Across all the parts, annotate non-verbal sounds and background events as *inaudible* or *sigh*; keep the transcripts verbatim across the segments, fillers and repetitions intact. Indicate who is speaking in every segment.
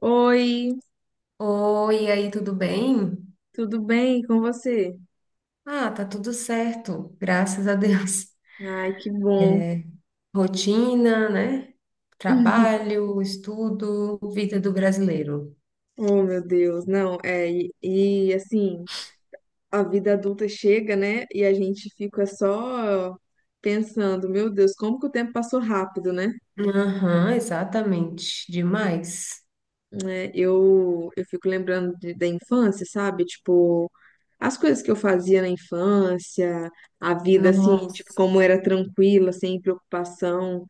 Speaker 1: Oi,
Speaker 2: Oi, e aí, tudo bem?
Speaker 1: tudo bem com você?
Speaker 2: Ah, tá tudo certo, graças a Deus.
Speaker 1: Ai, que bom.
Speaker 2: *laughs* Rotina, né?
Speaker 1: *laughs*
Speaker 2: Trabalho, estudo, vida do brasileiro.
Speaker 1: Oh, meu Deus, não, é, e, e, assim, a vida adulta chega, né? E a gente fica só pensando, meu Deus, como que o tempo passou rápido, né?
Speaker 2: Aham, exatamente, demais.
Speaker 1: Né, eu, eu fico lembrando de- da infância, sabe? Tipo, as coisas que eu fazia na infância, a vida, assim, tipo,
Speaker 2: Nossa,
Speaker 1: como era tranquila, sem preocupação.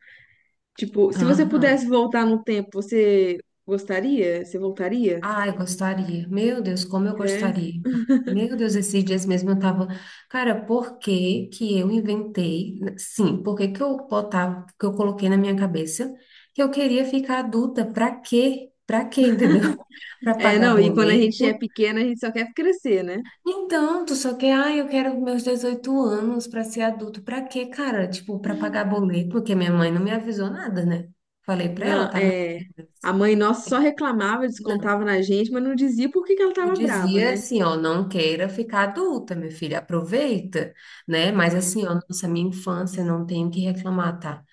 Speaker 1: Tipo, se você
Speaker 2: aham.
Speaker 1: pudesse voltar no tempo, você gostaria? Você voltaria?
Speaker 2: Ah, eu gostaria. Meu Deus, como eu
Speaker 1: É.
Speaker 2: gostaria. Meu Deus, esses dias mesmo eu tava, cara, por que que eu inventei? Sim, por que que eu botava, que eu coloquei na minha cabeça que eu queria ficar adulta? Pra quê? Pra quê, entendeu? *laughs* Pra
Speaker 1: É,
Speaker 2: pagar
Speaker 1: não, e quando a gente é
Speaker 2: boleto?
Speaker 1: pequena, a gente só quer crescer, né?
Speaker 2: Então, tu só quer, ah, eu quero meus dezoito anos pra ser adulto. Pra quê, cara? Tipo, pra pagar boleto, porque minha mãe não me avisou nada, né? Falei pra ela,
Speaker 1: Não,
Speaker 2: tá? Minha
Speaker 1: é, a mãe nossa só reclamava,
Speaker 2: filha?
Speaker 1: descontava na gente, mas não dizia por que que ela
Speaker 2: Eu
Speaker 1: tava brava,
Speaker 2: dizia
Speaker 1: né?
Speaker 2: assim, ó, não queira ficar adulta, meu filho, aproveita, né? Mas assim,
Speaker 1: É.
Speaker 2: ó, nossa, minha infância não tenho o que reclamar, tá?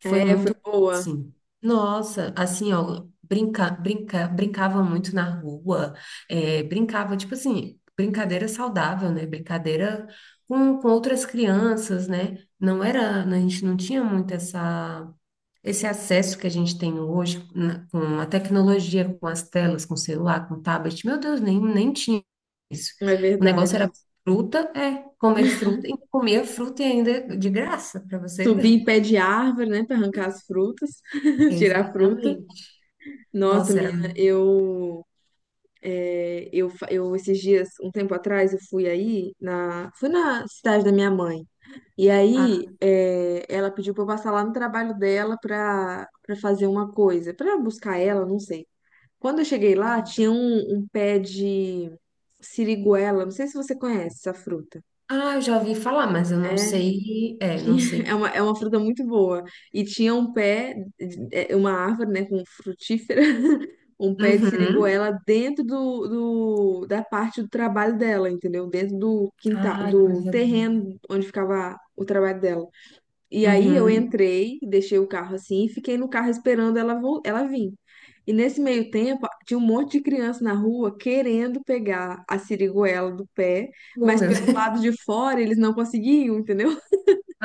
Speaker 2: Foi
Speaker 1: É, foi
Speaker 2: muito
Speaker 1: boa.
Speaker 2: assim. Nossa, assim, ó, brinca, brinca, brincava muito na rua, é, brincava, tipo assim, brincadeira saudável, né? Brincadeira com, com outras crianças, né? Não era, a gente não tinha muito essa. Esse acesso que a gente tem hoje na- com a tecnologia, com as telas, com o celular, com o tablet, meu Deus, nem, nem tinha isso.
Speaker 1: É
Speaker 2: O negócio
Speaker 1: verdade.
Speaker 2: era fruta, é, comer fruta, e comia fruta ainda de graça, para você
Speaker 1: Subir
Speaker 2: ver.
Speaker 1: em pé de árvore, né, pra arrancar as frutas,
Speaker 2: *laughs*
Speaker 1: *laughs* tirar a fruta.
Speaker 2: Exatamente.
Speaker 1: Nossa,
Speaker 2: Nossa, era.
Speaker 1: menina, eu, é, eu, fa- eu esses dias, um tempo atrás, eu fui aí na, fui na cidade da minha mãe. E
Speaker 2: Ah,
Speaker 1: aí, é, ela pediu para eu passar lá no trabalho dela para para fazer uma coisa, para buscar ela, não sei. Quando eu cheguei lá, tinha
Speaker 2: aham.
Speaker 1: um, um pé de siriguela, não sei se você conhece essa fruta.
Speaker 2: Ah, eu já ouvi falar, mas eu não
Speaker 1: É,
Speaker 2: sei. É, não
Speaker 1: tinha, *laughs* é
Speaker 2: sei.
Speaker 1: uma, é uma fruta muito boa. E tinha um pé, é, uma árvore, né, com frutífera, *laughs* um pé de
Speaker 2: Uhum.
Speaker 1: siriguela dentro do, do- da parte do trabalho dela, entendeu? Dentro do quintal,
Speaker 2: Ai,
Speaker 1: do
Speaker 2: coisa boa.
Speaker 1: terreno onde ficava o trabalho dela. E aí eu
Speaker 2: Uhum.
Speaker 1: entrei, deixei o carro assim e fiquei no carro esperando ela, vol- ela vir. E nesse meio tempo, tinha um monte de criança na rua querendo pegar a siriguela do pé,
Speaker 2: Bom,
Speaker 1: mas
Speaker 2: meu
Speaker 1: pelo
Speaker 2: Deus.
Speaker 1: lado de fora eles não conseguiam, entendeu? *laughs*
Speaker 2: *laughs*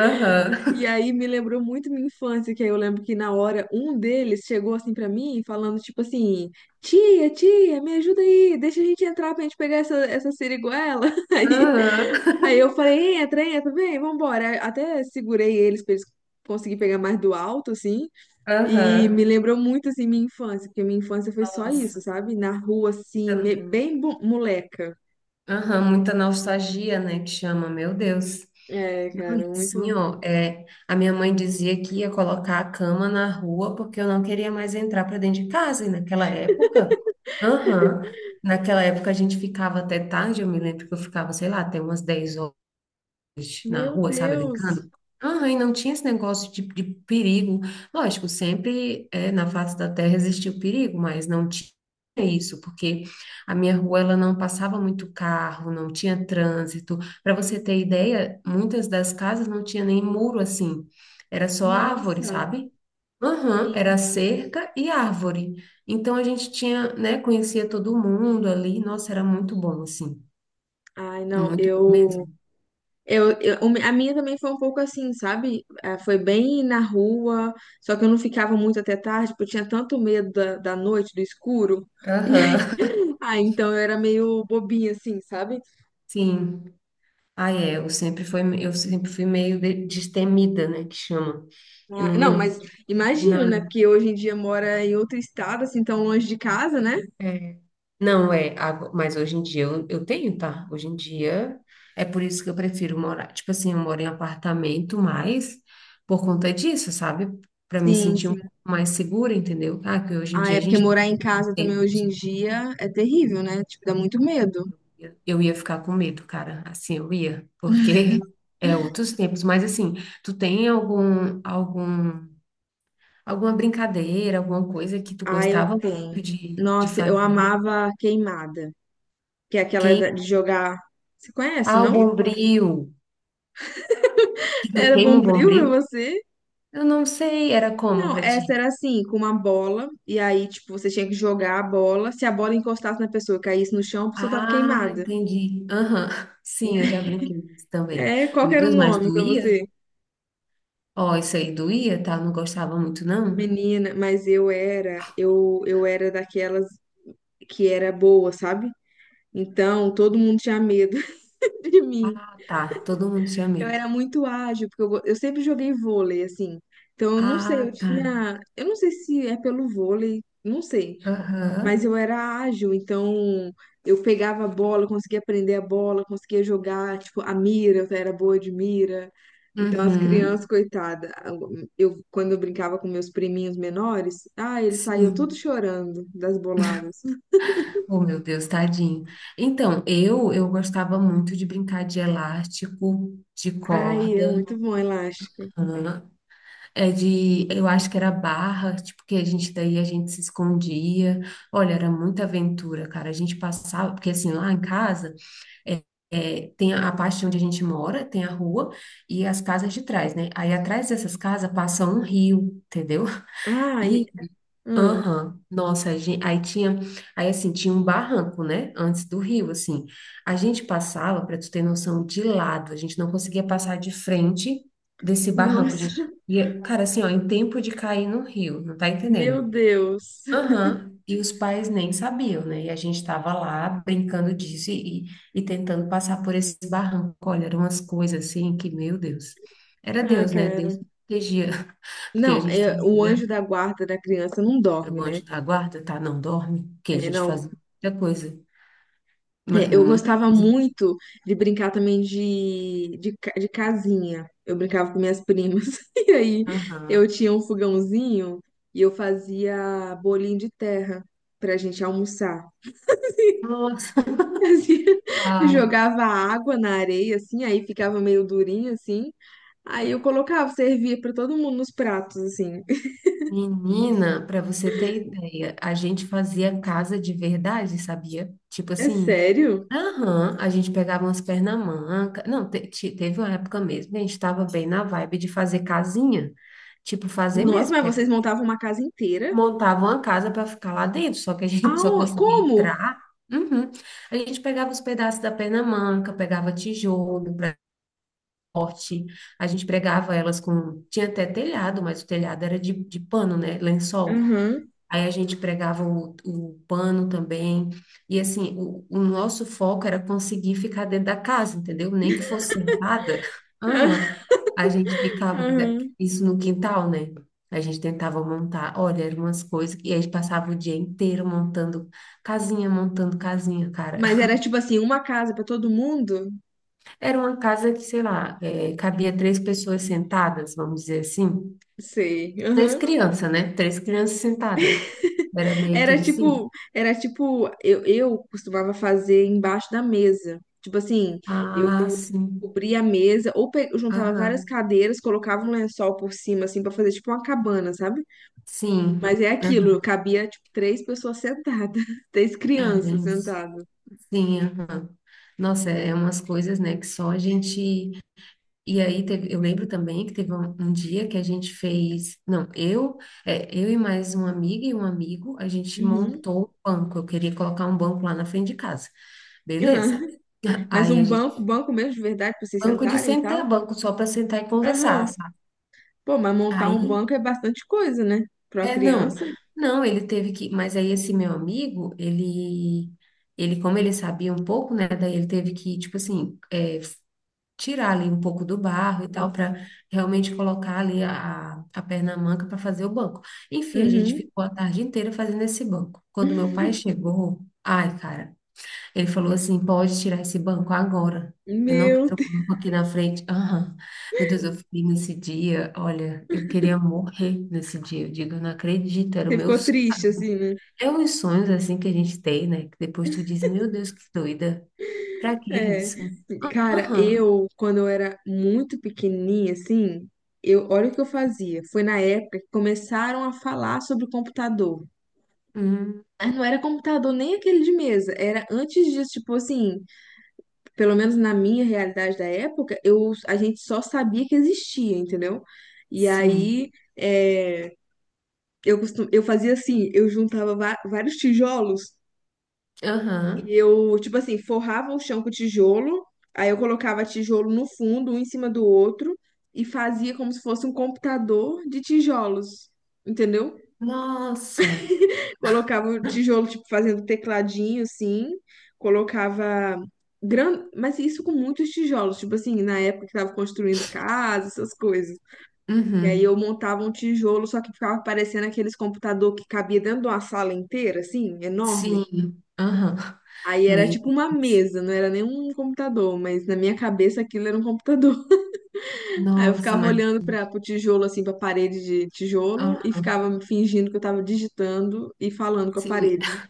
Speaker 1: E
Speaker 2: Aham.
Speaker 1: aí me lembrou muito minha infância, que aí eu lembro que na hora um deles chegou assim pra mim, falando tipo assim: Tia, tia, me ajuda aí, deixa a gente entrar pra gente pegar essa, essa siriguela. *laughs* Aí
Speaker 2: Aham.
Speaker 1: Aí eu falei, entra, entra, vem, vambora. Até segurei eles pra eles conseguirem pegar mais do alto, assim. E me
Speaker 2: Aham.
Speaker 1: lembrou muito, assim, minha infância, porque minha infância foi só isso,
Speaker 2: Nossa.
Speaker 1: sabe? Na rua, assim, me- bem bo- moleca.
Speaker 2: Aham, muita nostalgia, né, que chama, meu Deus.
Speaker 1: É,
Speaker 2: Não, e
Speaker 1: cara,
Speaker 2: assim,
Speaker 1: muito.
Speaker 2: ó, é, a minha mãe dizia que ia colocar a cama na rua porque eu não queria mais entrar para dentro de casa, e naquela época, aham, naquela época a gente ficava até tarde, eu me lembro que eu ficava, sei lá, até umas dez horas na
Speaker 1: Meu
Speaker 2: rua, sabe,
Speaker 1: Deus!
Speaker 2: brincando. Ah, e não tinha esse negócio de, de perigo. Lógico, sempre é, na face da terra existia o perigo, mas não tinha isso, porque a minha rua ela não passava muito carro, não tinha trânsito. Para você ter ideia, muitas das casas não tinha nem muro assim, era só árvore,
Speaker 1: Nossa!
Speaker 2: sabe? Aham, era
Speaker 1: Sim.
Speaker 2: cerca e árvore. Então a gente tinha, né, conhecia todo mundo ali. Nossa, era muito bom, assim.
Speaker 1: Ai, não,
Speaker 2: Muito bom
Speaker 1: eu.
Speaker 2: mesmo.
Speaker 1: Eu, eu- a minha também foi um pouco assim, sabe? Ah, foi bem na rua, só que eu não ficava muito até tarde, porque eu tinha tanto medo da, da noite, do escuro. *laughs* E aí,
Speaker 2: Aham.
Speaker 1: ah, então eu era meio bobinha, assim, sabe?
Speaker 2: *laughs* Sim. Ah, é, eu sempre fui, eu sempre fui meio de- destemida, né, que chama. Eu
Speaker 1: Ah,
Speaker 2: não,
Speaker 1: não,
Speaker 2: não,
Speaker 1: mas imagino, né?
Speaker 2: nada.
Speaker 1: Porque hoje em dia mora em outro estado, assim, tão longe de casa, né?
Speaker 2: É. Não, é, ago- mas hoje em dia eu, eu tenho, tá? Hoje em dia é por isso que eu prefiro morar. Tipo assim, eu moro em apartamento, mas por conta disso, sabe? Para me
Speaker 1: Sim,
Speaker 2: sentir um
Speaker 1: sim.
Speaker 2: pouco mais segura, entendeu? Ah, que hoje em
Speaker 1: Ah,
Speaker 2: dia
Speaker 1: é
Speaker 2: a
Speaker 1: porque
Speaker 2: gente
Speaker 1: morar em casa também
Speaker 2: tem.
Speaker 1: hoje em dia é terrível, né? Tipo, dá muito medo.
Speaker 2: Eu ia ficar com medo, cara. Assim, eu ia, porque é outros tempos. Mas assim, tu tem algum algum Alguma brincadeira, alguma coisa que tu
Speaker 1: Ah, eu
Speaker 2: gostava
Speaker 1: tenho.
Speaker 2: muito de, de
Speaker 1: Nossa, eu
Speaker 2: fazer?
Speaker 1: amava queimada, que é aquela
Speaker 2: Queim...
Speaker 1: da- de jogar. Você conhece,
Speaker 2: Ah, o
Speaker 1: não?
Speaker 2: bombril. Que tu
Speaker 1: Era
Speaker 2: queima o
Speaker 1: bombril
Speaker 2: bombril?
Speaker 1: pra você?
Speaker 2: Eu não sei, era como
Speaker 1: Não,
Speaker 2: pra
Speaker 1: essa
Speaker 2: ti?
Speaker 1: era assim, com uma bola, e aí, tipo, você tinha que jogar a bola. Se a bola encostasse na pessoa, caísse no chão, a pessoa tava
Speaker 2: Ah,
Speaker 1: queimada.
Speaker 2: entendi. Aham, *laughs* sim, eu já brinquei disso também.
Speaker 1: É, qual que
Speaker 2: Meu
Speaker 1: era o
Speaker 2: Deus, mas
Speaker 1: nome pra
Speaker 2: doía?
Speaker 1: você?
Speaker 2: Ó, isso aí doía, tá? Não gostava muito, não?
Speaker 1: Menina, mas eu era, eu, eu era daquelas que era boa, sabe? Então, todo mundo tinha medo *laughs* de mim.
Speaker 2: Ah, tá, todo mundo tinha
Speaker 1: Eu
Speaker 2: medo.
Speaker 1: era muito ágil, porque eu, go- eu sempre joguei vôlei, assim. Então, eu não sei,
Speaker 2: Ah,
Speaker 1: eu
Speaker 2: tá.
Speaker 1: tinha, eu não sei se é pelo vôlei, não sei. Mas
Speaker 2: Aham.
Speaker 1: eu era ágil, então eu pegava a bola, conseguia prender a bola, conseguia jogar, tipo, a mira, eu era boa de mira. Então as crianças,
Speaker 2: Uhum.
Speaker 1: coitada, eu quando eu brincava com meus priminhos menores, ah, eles saíam tudo
Speaker 2: Sim.
Speaker 1: chorando das boladas.
Speaker 2: Oh, meu Deus, tadinho. Então, eu eu gostava muito de brincar de elástico, de corda,
Speaker 1: Ai, é muito bom elástico.
Speaker 2: hã, é de, eu acho que era barra, tipo, que a gente daí a gente se escondia. Olha, era muita aventura, cara. A gente passava, porque assim, lá em casa é, é, tem a parte onde a gente mora, tem a rua e as casas de trás, né? Aí atrás dessas casas passa um rio, entendeu?
Speaker 1: Ai, hum,
Speaker 2: Aham, nossa, a gente, aí tinha, aí assim, tinha um barranco, né, antes do rio, assim, a gente passava, para tu ter noção, de lado, a gente não conseguia passar de frente desse barranco, a
Speaker 1: nossa,
Speaker 2: gente
Speaker 1: *laughs*
Speaker 2: ia, cara, assim, ó, em tempo de cair no rio, não tá
Speaker 1: meu
Speaker 2: entendendo?
Speaker 1: Deus.
Speaker 2: Aham, e os pais nem sabiam, né, e a gente tava lá brincando disso e, e, e tentando passar por esse barranco, olha, eram umas coisas assim que, meu Deus, era
Speaker 1: Ah,
Speaker 2: Deus, né, Deus
Speaker 1: cara.
Speaker 2: que protegia, *laughs* porque a
Speaker 1: Não,
Speaker 2: gente
Speaker 1: é, o
Speaker 2: fazia
Speaker 1: anjo da guarda da criança não
Speaker 2: era
Speaker 1: dorme,
Speaker 2: o
Speaker 1: né?
Speaker 2: anjo da guarda, tá? Não dorme, que a
Speaker 1: É,
Speaker 2: gente
Speaker 1: não.
Speaker 2: fazia muita coisa. Mas,
Speaker 1: É, eu
Speaker 2: não, muita
Speaker 1: gostava
Speaker 2: coisa.
Speaker 1: muito de brincar também de, de, ca- de casinha. Eu brincava com minhas primas. *laughs* E aí eu
Speaker 2: Aham.
Speaker 1: tinha um fogãozinho e eu fazia bolinho de terra pra gente almoçar.
Speaker 2: Nossa,
Speaker 1: *laughs* Fazia-
Speaker 2: *laughs* ai.
Speaker 1: jogava água na areia, assim, aí ficava meio durinho, assim. Aí eu
Speaker 2: Aham.
Speaker 1: colocava, servia pra todo mundo nos pratos, assim. *laughs*
Speaker 2: Menina, para você ter ideia, a gente fazia casa de verdade, sabia? Tipo
Speaker 1: É
Speaker 2: assim,
Speaker 1: sério?
Speaker 2: aham, a gente pegava umas pernamanga. Não, te- te- teve uma época mesmo, que a gente estava bem na vibe de fazer casinha. Tipo, fazer
Speaker 1: Nossa,
Speaker 2: mesmo.
Speaker 1: mas vocês montavam uma casa inteira?
Speaker 2: Montava uma casa para ficar lá dentro, só que a *laughs* gente só
Speaker 1: Ah,
Speaker 2: conseguia
Speaker 1: como?
Speaker 2: entrar. Uhum. A gente pegava os pedaços da Pernamanga, pegava tijolo para corte, a gente pregava elas com. Tinha até telhado, mas o telhado era de, de pano, né? Lençol.
Speaker 1: Aham.
Speaker 2: Aí a gente pregava o, o pano também. E assim, o, o nosso foco era conseguir ficar dentro da casa, entendeu? Nem que fosse sentada. *laughs* Aham. A gente ficava da-
Speaker 1: *laughs*
Speaker 2: isso no quintal, né? A gente tentava montar. Olha, eram umas coisas que a gente passava o dia inteiro montando casinha, montando casinha, cara.
Speaker 1: Mas
Speaker 2: *laughs*
Speaker 1: era tipo assim, uma casa pra todo mundo?
Speaker 2: Era uma casa que, sei lá, eh, cabia três pessoas sentadas, vamos dizer assim.
Speaker 1: Sei.
Speaker 2: Três
Speaker 1: Aham.
Speaker 2: crianças, né? Três crianças sentadas. Era meio
Speaker 1: Era
Speaker 2: que assim.
Speaker 1: tipo, era tipo, eu, eu costumava fazer embaixo da mesa. Tipo assim, eu
Speaker 2: Ah, sim.
Speaker 1: cobria a mesa ou pe- eu juntava várias
Speaker 2: Aham.
Speaker 1: cadeiras, colocava um lençol por cima assim pra fazer tipo uma cabana, sabe?
Speaker 2: Sim,
Speaker 1: Mas é aquilo, cabia tipo três pessoas sentadas, *laughs* três
Speaker 2: é,
Speaker 1: crianças
Speaker 2: Lins.
Speaker 1: sentadas.
Speaker 2: Sim, aham. Nossa, é umas coisas, né, que só a gente. E aí teve, eu lembro também que teve um, um dia que a gente fez, não, eu, é, eu e mais uma amiga e um amigo, a gente
Speaker 1: Uhum.
Speaker 2: montou um banco. Eu queria colocar um banco lá na frente de casa,
Speaker 1: Aham.
Speaker 2: beleza? *laughs*
Speaker 1: Mas
Speaker 2: Aí
Speaker 1: um
Speaker 2: a gente,
Speaker 1: banco, banco mesmo de verdade pra vocês
Speaker 2: banco de
Speaker 1: sentarem e tal?
Speaker 2: sentar, banco só para sentar e conversar,
Speaker 1: Aham.
Speaker 2: sabe?
Speaker 1: Pô, mas montar um
Speaker 2: Aí
Speaker 1: banco é bastante coisa, né? Pra uma
Speaker 2: é, não.
Speaker 1: criança.
Speaker 2: Não, ele teve que, mas aí esse meu amigo, ele, ele como ele sabia um pouco, né, daí ele teve que, tipo assim, é, tirar ali um pouco do barro e tal, para realmente colocar ali a, a perna manca para fazer o banco. Enfim, a gente
Speaker 1: Uhum.
Speaker 2: ficou a tarde inteira fazendo esse banco. Quando meu pai chegou, ai, cara. Ele falou assim: pode tirar esse banco agora. Eu não
Speaker 1: Meu
Speaker 2: quero
Speaker 1: Deus,
Speaker 2: o banco aqui na frente. Aham. Meu Deus, eu fiquei nesse dia. Olha, eu queria morrer nesse dia. Eu digo, eu não acredito, era o
Speaker 1: você
Speaker 2: meu
Speaker 1: ficou triste,
Speaker 2: sonho.
Speaker 1: assim, né?
Speaker 2: É uns sonhos assim que a gente tem, né? Que depois tu diz: meu Deus, que doida. Pra que
Speaker 1: É.
Speaker 2: isso?
Speaker 1: Cara,
Speaker 2: Aham.
Speaker 1: eu, quando eu era muito pequenininha, assim, eu, olha o que eu fazia. Foi na época que começaram a falar sobre computador.
Speaker 2: Hum,
Speaker 1: Mas não era computador nem aquele de mesa. Era antes disso, tipo assim, pelo menos na minha realidade da época, eu, a gente só sabia que existia, entendeu? E
Speaker 2: sim.
Speaker 1: aí, é, eu, costum, eu fazia assim, eu juntava va- vários tijolos. E
Speaker 2: Aham.
Speaker 1: eu, tipo assim, forrava o chão com tijolo, aí eu colocava tijolo no fundo, um em cima do outro, e fazia como se fosse um computador de tijolos, entendeu?
Speaker 2: Nossa.
Speaker 1: Colocava o tijolo, tipo, fazendo tecladinho, assim, colocava. Gran... Mas isso com muitos tijolos, tipo assim, na época que tava construindo casa, essas coisas. E aí eu
Speaker 2: Uhum.
Speaker 1: montava um tijolo, só que ficava parecendo aqueles computador que cabia dentro de uma sala inteira, assim, enorme.
Speaker 2: Sim. Aham.
Speaker 1: Aí era
Speaker 2: Meu
Speaker 1: tipo uma
Speaker 2: Deus.
Speaker 1: mesa, não era nem um computador, mas na minha cabeça aquilo era um computador. *laughs* Aí eu
Speaker 2: Nossa,
Speaker 1: ficava
Speaker 2: mas.
Speaker 1: olhando para o tijolo, assim, para a parede de tijolo e
Speaker 2: Ah,
Speaker 1: ficava fingindo que eu estava digitando e falando com a
Speaker 2: sim.
Speaker 1: parede.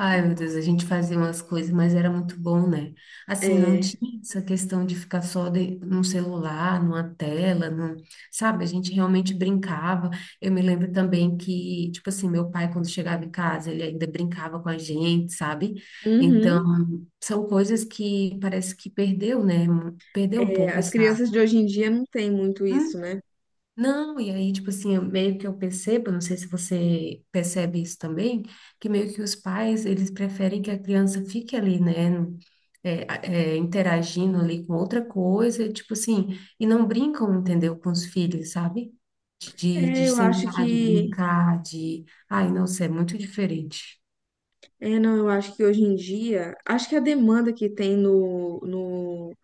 Speaker 2: Ai, meu Deus, a gente fazia umas coisas, mas era muito bom, né? Assim, não
Speaker 1: É,
Speaker 2: tinha essa questão de ficar só de, num celular, numa tela, num, sabe? A gente realmente brincava. Eu me lembro também que, tipo assim, meu pai, quando chegava em casa, ele ainda brincava com a gente, sabe? Então,
Speaker 1: uhum.
Speaker 2: são coisas que parece que perdeu, né? Perdeu um
Speaker 1: É,
Speaker 2: pouco
Speaker 1: as
Speaker 2: essa.
Speaker 1: crianças de hoje em dia não têm muito isso, né?
Speaker 2: Não, e aí, tipo assim, eu- meio que eu percebo, não sei se você percebe isso também, que meio que os pais, eles preferem que a criança fique ali, né, no- é, a- é, interagindo ali com outra coisa, tipo assim, e não brincam, entendeu, com os filhos, sabe? De, de,
Speaker 1: É,
Speaker 2: de
Speaker 1: eu acho
Speaker 2: sentar, de
Speaker 1: que.
Speaker 2: brincar, de... Ai, nossa, é muito diferente.
Speaker 1: É, não, eu acho que hoje em dia. Acho que a demanda que tem no, no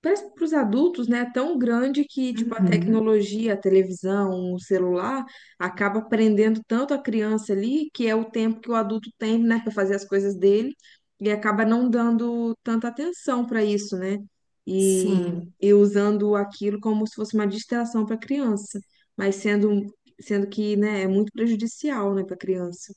Speaker 1: para os adultos, né, é tão grande que tipo a
Speaker 2: Uhum.
Speaker 1: tecnologia, a televisão, o celular acaba prendendo tanto a criança ali, que é o tempo que o adulto tem, né, para fazer as coisas dele e acaba não dando tanta atenção para isso, né? E,
Speaker 2: Sim.
Speaker 1: e usando aquilo como se fosse uma distração para a criança, mas sendo sendo que, né, é muito prejudicial, né, para a criança.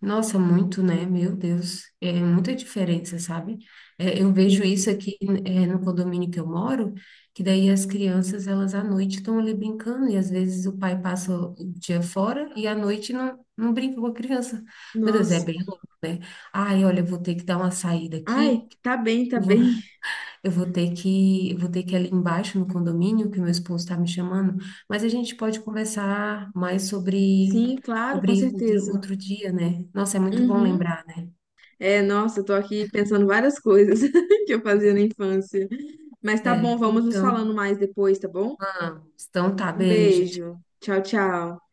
Speaker 2: Nossa, muito, né? Meu Deus, é muita diferença, sabe? É, eu
Speaker 1: Sim.
Speaker 2: vejo isso aqui, é, no condomínio que eu moro, que daí as crianças, elas à noite estão ali brincando, e às vezes o pai passa o dia fora e à noite não, não brinca com a criança. Meu Deus, é
Speaker 1: Nossa.
Speaker 2: bem louco, né? Ai, olha, eu vou ter que dar uma saída
Speaker 1: Ai,
Speaker 2: aqui,
Speaker 1: tá bem, tá bem. *laughs*
Speaker 2: eu vou ter que, eu vou ter que ir ali embaixo no condomínio, que o meu esposo está me chamando, mas a gente pode conversar mais sobre,
Speaker 1: Sim, claro,
Speaker 2: sobre
Speaker 1: com
Speaker 2: isso outro,
Speaker 1: certeza.
Speaker 2: outro dia, né? Nossa, é muito bom
Speaker 1: Uhum.
Speaker 2: lembrar, né?
Speaker 1: É, nossa, eu tô aqui pensando várias coisas *laughs* que eu fazia na infância. Mas tá bom,
Speaker 2: Certo.
Speaker 1: vamos nos falando
Speaker 2: Então,
Speaker 1: mais depois, tá bom?
Speaker 2: vamos. Então tá,
Speaker 1: Um
Speaker 2: beijo.
Speaker 1: beijo. Tchau, tchau.